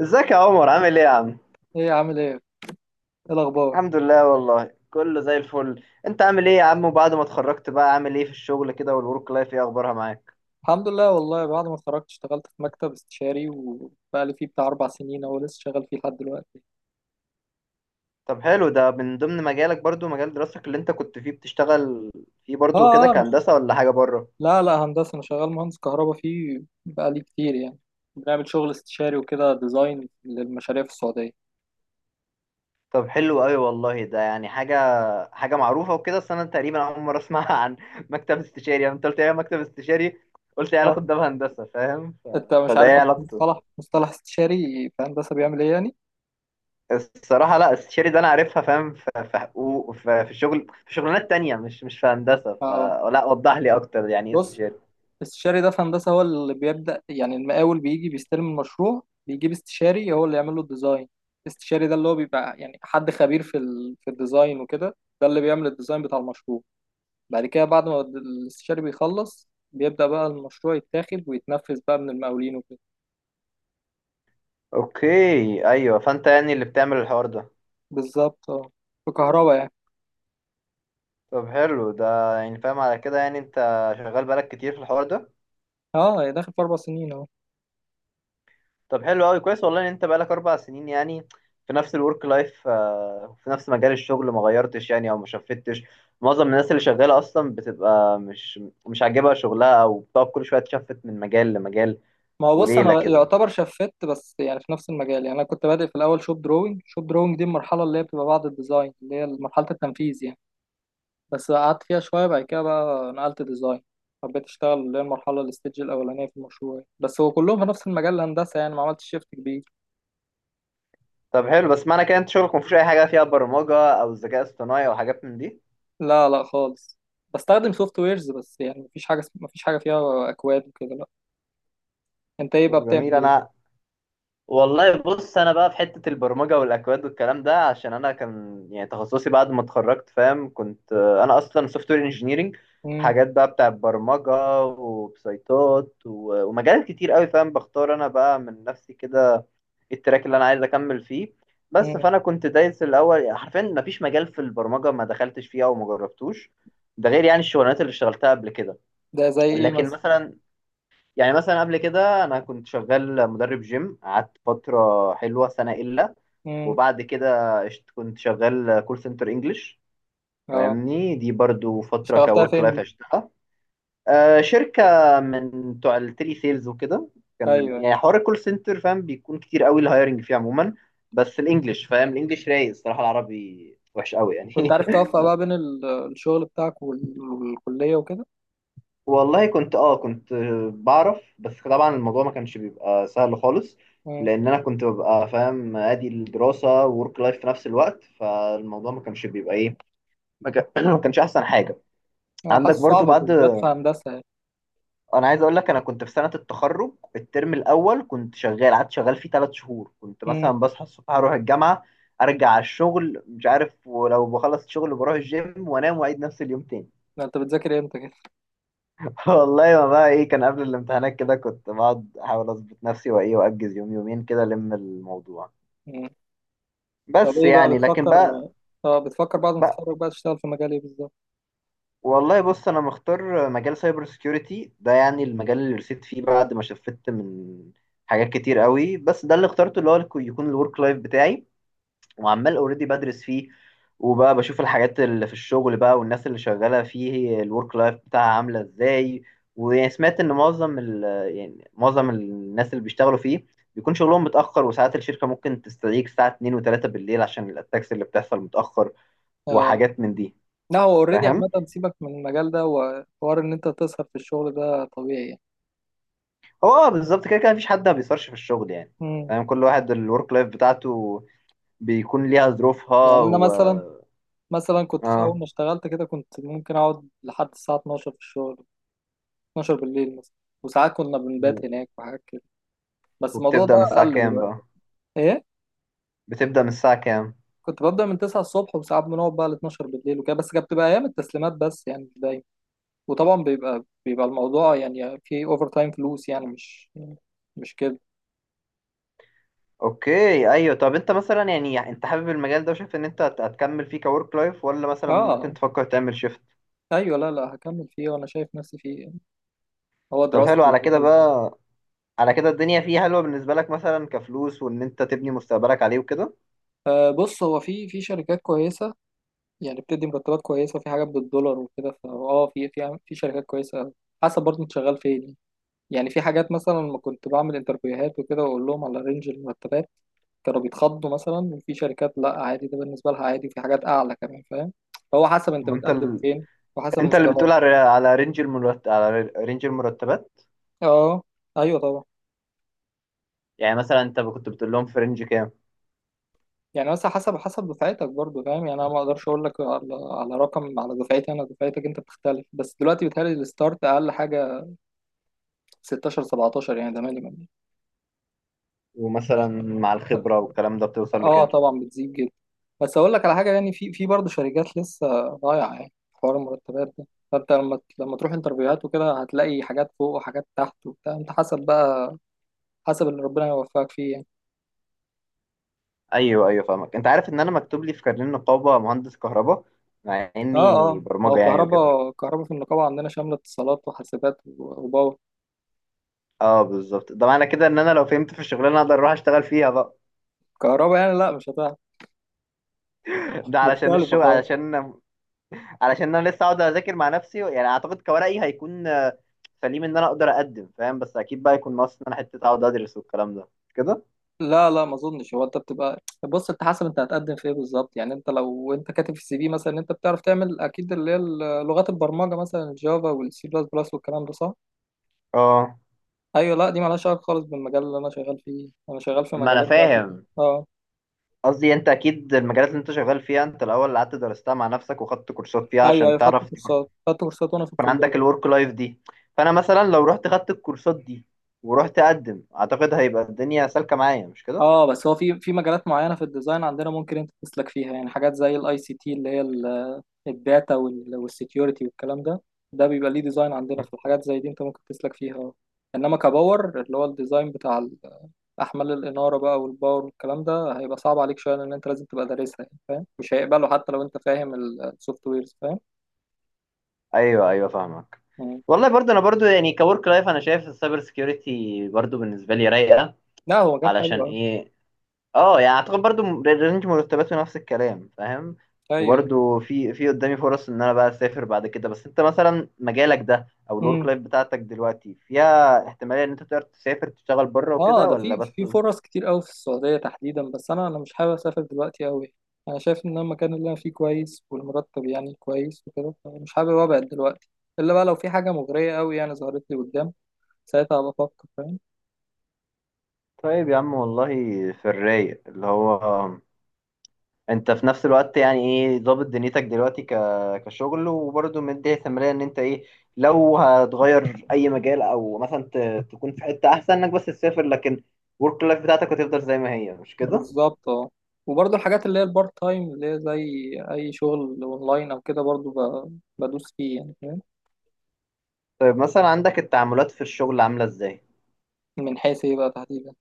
ازيك يا عمر؟ عامل ايه يا عم؟ ايه عامل ايه؟ ايه الاخبار؟ الحمد لله، والله كله زي الفل. انت عامل ايه يا عم؟ وبعد ما اتخرجت بقى عامل ايه في الشغل كده؟ والورك لايف ايه اخبارها معاك؟ الحمد لله، والله بعد ما اتخرجت اشتغلت في مكتب استشاري وبقالي فيه بتاع 4 سنين اهو، لسه شغال فيه لحد دلوقتي. طب حلو، ده من ضمن مجالك برضو، مجال دراستك اللي انت كنت فيه بتشتغل فيه برضو كده؟ اه اه، مش... كهندسة ولا حاجة بره؟ لا لا، هندسة. انا شغال مهندس كهرباء فيه بقالي كتير يعني. بنعمل شغل استشاري وكده، ديزاين للمشاريع في السعودية. طب حلو قوي والله، ده يعني حاجة معروفة وكده، بس انا تقريبا اول مرة اسمعها عن مكتب استشاري. يعني انت قلت ايه؟ مكتب استشاري؟ قلت ايه علاقة ده اه، بهندسة، فاهم؟ انت مش فده عارف ايه اصلا علاقته؟ مصطلح استشاري في هندسة بيعمل ايه يعني؟ الصراحة لا، الشيري ده أنا عارفها فاهم، في حقوق، في شغل، في شغلانات تانية، مش في هندسة، اه، فلا وضح لي أكتر يعني إيه بص، استشاري. الاستشاري ده في هندسة هو اللي بيبدأ. يعني المقاول بيجي بيستلم المشروع، بيجيب استشاري هو اللي يعمل له الديزاين. الاستشاري ده اللي هو بيبقى يعني حد خبير في الديزاين وكده. ده اللي بيعمل الديزاين بتاع المشروع. بعد كده، بعد ما الاستشاري بيخلص بيبدأ بقى المشروع يتاخد ويتنفذ بقى من المقاولين وكده. أوكي أيوه، فأنت يعني اللي بتعمل الحوار ده. بالظبط اه، في كهرباء يعني. طب حلو، ده يعني فاهم على كده، يعني أنت شغال بقالك كتير في الحوار ده. اه، هي داخل في 4 سنين اهو. طب حلو أوي، كويس والله إن أنت بقالك 4 سنين يعني في نفس الورك لايف، في نفس مجال الشغل، ما غيرتش يعني، أو ما شفتش. معظم الناس اللي شغالة أصلا بتبقى مش عاجبها شغلها، أو بتقعد كل شوية تشفت من مجال لمجال ما هو بص، وليلة انا كده. يعتبر شفت بس يعني في نفس المجال. يعني انا كنت بادئ في الاول شوب دروينج، شوب دروينج دي المرحله اللي هي بتبقى بعد الديزاين، اللي هي مرحله التنفيذ يعني. بس قعدت فيها شوية، بعد كده بقى نقلت ديزاين، حبيت اشتغل اللي هي المرحلة الستيج الأولانية في المشروع. بس هو كلهم في نفس المجال الهندسة يعني، ما عملتش شيفت كبير. طب حلو، بس معنى كده انت شغلك مفيهوش اي حاجه فيها برمجه او ذكاء اصطناعي او حاجات من دي؟ لا لا خالص. بستخدم سوفت ويرز بس، يعني مفيش حاجة مفيش حاجة فيها أكواد وكده، لا. أنت إيه بقى طب بتعمل جميل. انا إيه؟ والله بص، انا بقى في حته البرمجه والاكواد والكلام ده، عشان انا كان يعني تخصصي بعد ما اتخرجت، فاهم؟ كنت، انا اصلا سوفت وير انجينيرنج. مم. حاجات بقى بتاع برمجه وبسيطات ومجالات كتير قوي، فاهم، بختار انا بقى من نفسي كده التراك اللي انا عايز اكمل فيه. بس مم. فانا كنت دايس الاول، يعني حرفيا مفيش مجال في البرمجه ما دخلتش فيه او ما جربتوش. ده غير يعني الشغلانات اللي اشتغلتها قبل كده. ده زي إيه لكن مثلا؟ مثلا، يعني مثلا قبل كده انا كنت شغال مدرب جيم، قعدت فتره حلوه، سنه الا. مم. كنت شغال كول سنتر انجلش، أه. فاهمني؟ دي برضو فتره اشتغلتها كورك فين دي؟ لايف عشتها. شركه من بتوع التيلي سيلز وكده. أيوه كان أيوه. يعني حوار الكول سنتر، فاهم، بيكون كتير قوي الهايرنج فيه عموما. بس الانجليش، فاهم، الانجليش رايق، الصراحه العربي وحش قوي كنت يعني. عارف توفق بقى بين الشغل بتاعك والكلية وكده؟ والله كنت، كنت بعرف، بس طبعا الموضوع ما كانش بيبقى سهل خالص. مم. لان انا كنت ببقى فاهم ادي الدراسه وورك لايف في نفس الوقت، فالموضوع ما كانش بيبقى ايه، ما كان- ما كانش احسن حاجه. أه، عندك حاسس صعب برضو بعد، بالذات في هندسة يعني. انا عايز اقول لك، انا كنت في سنه التخرج الترم الاول كنت شغال، قعدت شغال فيه 3 شهور، كنت مثلا مم. بصحى الصبح اروح الجامعه، ارجع على الشغل، مش عارف، ولو بخلص الشغل بروح الجيم وانام واعيد نفس اليوم تاني. ده أنت بتذاكر إمتى كده؟ والله ما بقى ايه، كان قبل الامتحانات كده كنت بقعد احاول اظبط نفسي وايه، واجز يوم يومين كده الم الموضوع. إمم. طب بس ايه بقى يعني، لكن بتفكر بقى. اه بتفكر بعد ما بقى تتخرج بقى تشتغل في مجال ايه بالظبط؟ والله بص، انا مختار مجال سايبر سيكيورتي ده، يعني المجال اللي رسيت فيه بعد ما شفت من حاجات كتير قوي، بس ده اللي اخترته، اللي هو يكون الورك لايف بتاعي، وعمال اوريدي بدرس فيه، وبقى بشوف الحاجات اللي في الشغل بقى والناس اللي شغالة فيه الورك لايف بتاعها عاملة ازاي. ويعني سمعت ان معظم ال يعني معظم الناس اللي بيشتغلوا فيه بيكون شغلهم متأخر، وساعات الشركة ممكن تستدعيك الساعة 2 و3 بالليل عشان الاتاكس اللي بتحصل متأخر اه، وحاجات من دي، لا هو اوريدي عامة فاهم؟ سيبك من المجال ده، وحوار ان انت تسهر في الشغل ده طبيعي يعني. هو، بالظبط كده كده، مفيش حد ما بيصرش في الشغل يعني، مم. فاهم. كل واحد الورك لايف بتاعته بيكون ليها ظروفها يعني انا و... مثلا كنت في اه، اول ما اشتغلت كده كنت ممكن اقعد لحد الساعة 12 في الشغل. 12 بالليل مثلا، وساعات كنا بنبات هناك وحاجات كده، بس الموضوع وبتبدأ من ده الساعة قل كام دلوقتي. بقى؟ ايه؟ بتبدأ من الساعة كام؟ كنت ببدأ من 9 الصبح وساعات بنقعد بقى ل 12 بالليل وكده، بس كانت بتبقى ايام التسليمات بس يعني ده. وطبعا بيبقى الموضوع يعني في اوفر تايم، فلوس يعني، مش كده. اوكي ايوه. طب انت مثلا يعني انت حابب المجال ده، وشايف ان انت هتكمل فيه كورك لايف، ولا مثلا ممكن اه تفكر تعمل شيفت؟ ايوه، لا لا، هكمل فيه وانا شايف نفسي فيه يعني. هو طب حلو دراستي على كده وكل حاجة. بقى، على كده الدنيا فيه حلوه بالنسبه لك مثلا كفلوس، وان انت تبني مستقبلك عليه وكده. آه، بص هو في شركات كويسه، يعني بتدي مرتبات كويسه، في حاجات بالدولار وكده، فاه في شركات كويسه أوي. حسب برضه انت شغال فين يعني. يعني في حاجات مثلا لما كنت بعمل انترفيوهات وكده واقول لهم على رينج المرتبات كانوا بيتخضوا مثلا، وفي شركات لا عادي، ده بالنسبه لها عادي، وفي حاجات اعلى كمان فاهم. فهو حسب انت وانت بتقدم ال... فين وحسب انت اللي بتقول مستواك. على رينج المرتبات؟ اه ايوه طبعا. يعني مثلا انت كنت بتقول لهم في رينج كام؟ يعني بس حسب دفعتك برضو فاهم يعني، انا ما اقدرش اقول لك على رقم على دفعتي. انا دفعتك انت بتختلف. بس دلوقتي بيتهيألي الستارت اقل حاجه 16 17، يعني ده مينيمم. ومثلا مع الخبره والكلام ده بتوصل اه لكام؟ طبعا بتزيد جدا. بس اقول لك على حاجه، يعني في برضه شركات لسه ضايعه يعني في حوار المرتبات ده. فانت لما تروح انترفيوهات وكده هتلاقي حاجات فوق وحاجات تحت وبتاع، انت حسب بقى، حسب اللي ربنا يوفقك فيه يعني. ايوه ايوه، فاهمك. انت عارف ان انا مكتوب لي في كارنيه النقابه مهندس كهرباء، مع اه اني اه، هو برمجه يعني وكده. الكهرباء في النقابه عندنا شامله اتصالات وحاسبات وباور. اه بالظبط، ده معنى كده ان انا لو فهمت في الشغلانه اقدر اروح اشتغل فيها بقى. كهرباء يعني، لا مش هتعرف، ده علشان مختلفة الشغل، خالص. علشان انا لسه اقعد اذاكر مع نفسي يعني، اعتقد كورقي هيكون سليم ان انا اقدر اقدم، فاهم، بس اكيد بقى يكون ناقص ان انا حته اقعد ادرس والكلام ده كده. لا لا، ما اظنش. هو انت بتبقى، بص انت حسب انت هتقدم في ايه بالظبط يعني. انت لو انت كاتب في السي في مثلا إن انت بتعرف تعمل اكيد اللي هي لغات البرمجه مثلا، الجافا والسي بلس بلس والكلام ده، صح؟ اه، ايوه، لا دي مالهاش علاقه خالص بالمجال اللي انا شغال فيه. انا شغال في ما انا مجالات بقى فيه. فاهم، اه قصدي انت اكيد المجالات اللي انت شغال فيها انت الاول اللي قعدت درستها مع نفسك وخدت كورسات فيها ايوه عشان ايوه، خدت تعرف، كورسات خدت كورسات وانا في يكون الكليه. عندك الورك لايف دي. فانا مثلا لو رحت خدت الكورسات دي ورحت اقدم، اعتقد هيبقى الدنيا سالكه معايا، مش كده؟ اه، بس هو في مجالات معينه في الديزاين عندنا ممكن انت تسلك فيها يعني، حاجات زي الاي سي تي اللي هي الداتا والسكيورتي والكلام ده، ده بيبقى ليه ديزاين عندنا في الحاجات زي دي، انت ممكن تسلك فيها. انما كباور اللي هو الديزاين بتاع احمال الاناره بقى والباور والكلام ده، هيبقى صعب عليك شويه لان انت لازم تبقى دارسها يعني فاهم، مش هيقبله حتى لو انت فاهم السوفت ويرز فاهم. ايوه ايوه فاهمك. مم. والله برضه، انا برضه يعني كورك لايف، انا شايف السايبر سكيورتي برضه بالنسبه لي رايقه. لا هو مجال علشان حلو قوي. ايه؟ اه يعني اعتقد برضه رينج مرتباته نفس الكلام، فاهم. ايوه. وبرضه في قدامي فرص ان انا بقى اسافر بعد كده. بس انت مثلا مجالك ده او الورك مم. لايف بتاعتك دلوقتي فيها احتماليه ان انت تقدر تسافر تشتغل بره اه، وكده، ده ولا في بس؟ في فرص كتير قوي في السعودية تحديدا، بس انا مش حابب اسافر دلوقتي قوي. انا شايف ان أنا المكان اللي انا فيه كويس والمرتب يعني كويس وكده، فمش حابب ابعد دلوقتي. الا بقى لو في حاجة مغرية قوي يعني ظهرت لي قدام، ساعتها بفكر فاهم. طيب يا عم والله، في الرايق اللي هو انت في نفس الوقت يعني ايه ظابط دنيتك دلوقتي كشغل، وبرضه مدي ثمرية ان انت ايه لو هتغير اي مجال، او مثلا تكون في حتة احسن انك بس تسافر، لكن ورك لايف بتاعتك هتفضل زي ما هي، مش كده؟ بالظبط اه، وبرضه الحاجات اللي هي البارت تايم اللي هي زي اي شغل اونلاين او كده، برضه بدوس فيه يعني فاهم. طيب مثلا عندك التعاملات في الشغل عاملة ازاي؟ من حيث ايه بقى تحديدا؟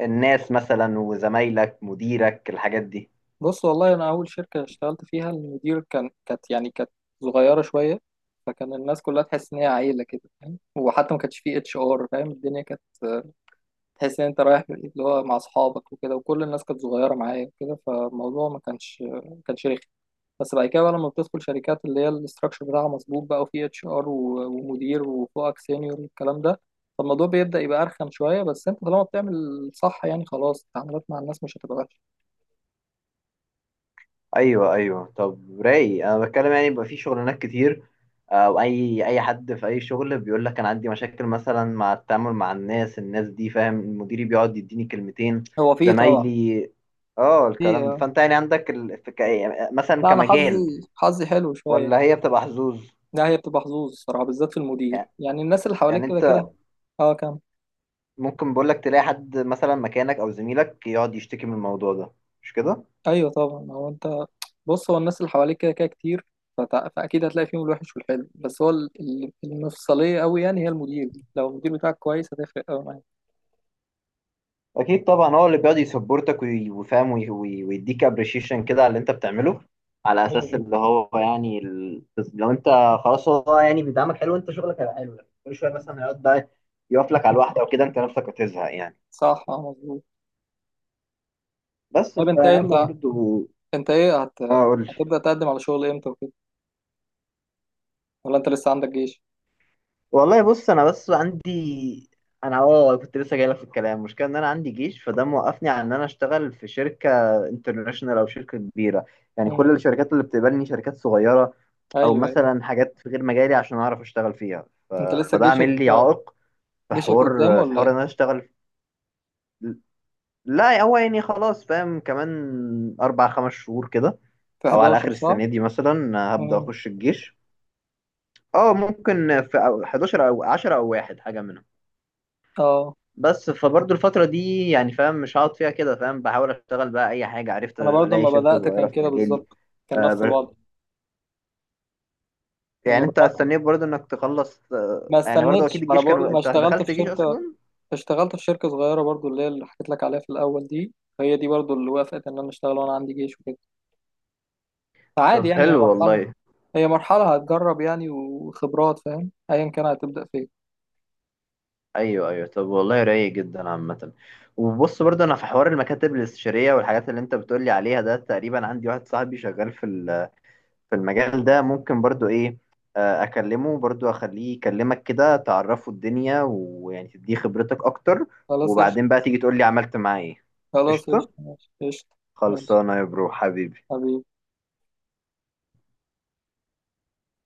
الناس مثلا، وزمايلك، مديرك، الحاجات دي. بص والله انا اول شركه اشتغلت فيها المدير كانت صغيره شويه، فكان الناس كلها تحس ان هي عيله كده فاهم، وحتى ما كانش فيه اتش ار فاهم، الدنيا كانت تحس ان انت رايح اللي هو مع اصحابك وكده، وكل الناس كانت صغيره معايا وكده، فالموضوع ما كانش رخي. بس بعد كده بقى لما بتدخل شركات اللي هي الاستراكشر بتاعها مظبوط بقى وفيه اتش ار ومدير وفوقك سينيور والكلام ده، فالموضوع بيبدأ يبقى أرخم شوية، بس أنت طالما بتعمل صح يعني خلاص التعاملات مع الناس مش هتبقى وحشة. ايوه ايوه، طب رايق. انا بتكلم يعني بيبقى في شغلانات كتير، او اي حد في اي شغل بيقول لك انا عندي مشاكل مثلا مع التعامل مع الناس، الناس دي فاهم، مديري بيقعد يديني كلمتين، هو فيه طبعا. زمايلي، اه الكلام ده. فيه. فانت يعني عندك، في، يعني مثلا لا انا كمجال، حظي حلو شويه. ولا هي بتبقى حظوظ لا هي بتبقى حظوظ الصراحه، بالذات في المدير يعني يعني الناس اللي حواليك يعني كده انت كده. اه كام. ممكن، بقول لك تلاقي حد مثلا مكانك او زميلك يقعد يشتكي من الموضوع ده، مش كده؟ ايوه طبعا هو انت، بص هو الناس اللي حواليك كده كده كتير، فاكيد هتلاقي فيهم الوحش والحلو، بس هو المفصليه قوي يعني هي المدير دي. لو المدير بتاعك كويس هتفرق قوي معاك. اكيد طبعا، هو اللي بيقعد يسبورتك ويفهم ويديك ابريشيشن كده على اللي انت بتعمله، على اساس أيوة. اللي هو يعني، لو انت خلاص هو يعني بيدعمك حلو، انت شغلك هيبقى حلو، لكن كل شويه مثلا هيقعد بقى يقف لك على الواحده وكده، انت نفسك هتزهق يعني. صح اه مظبوط. بس طب انت فيا عم انت برضه. انت ايه اه، قول لي. هتبدا تقدم على شغل امتى وكده، ولا انت لسه عندك جيش؟ والله بص، انا بس عندي، انا كنت لسه جاي لك في الكلام. المشكله ان انا عندي جيش، فده موقفني عن ان انا اشتغل في شركه انترناشونال او شركه كبيره، يعني كل مم. الشركات اللي بتقبلني شركات صغيره، او ايوه ايوه. مثلا حاجات في غير مجالي عشان اعرف اشتغل فيها انت لسه فده جيشك عامل لي عائق في جيشك قدام حوار، ولا ايه؟ ان انا اشتغل. لا هو يعني خلاص، فاهم، كمان اربع خمس شهور كده، في او على 11 اخر صح؟ السنه دي مثلا هبدا مم. اخش الجيش. اه، ممكن في، 11 او 10 او واحد حاجه منهم. اه، بس فبرضه الفتره دي يعني، فاهم، مش هقعد فيها كده، فاهم، بحاول اشتغل بقى اي حاجه، عرفت انا برضو الاقي لما شركه بدأت صغيره كان في كده مجالي. بالظبط، كان آه، نفس الوضع لما يعني انت بدأت. استنيت برضه انك تخلص، ما يعني برضه استنيتش، اكيد ما انا الجيش كان، بقول، ما انت اشتغلت دخلت في جيش شركة اصلا؟ اشتغلت في شركة صغيرة برضو اللي هي اللي حكيت لك عليها في الاول دي. هي دي برضو اللي وافقت ان انا اشتغل وانا عندي جيش وكده. فعادي طب يعني، هي حلو مرحلة والله. هي مرحلة هتجرب يعني وخبرات فاهم ايا كان هتبدأ فين. ايوه ايوه، طب والله رايق جدا عامه. وبص برضه انا في حوار المكاتب الاستشاريه والحاجات اللي انت بتقولي عليها ده، تقريبا عندي واحد صاحبي شغال في المجال ده، ممكن برضه ايه، اكلمه برضه اخليه يكلمك كده تعرفه الدنيا، ويعني تديه خبرتك اكتر، خلاص قشطة. وبعدين بقى تيجي تقولي عملت معاه ايه. خلاص قشطه. قشطة ماشي قشطة. ماشي خلصانه يا برو، حبيبي. حبيبي.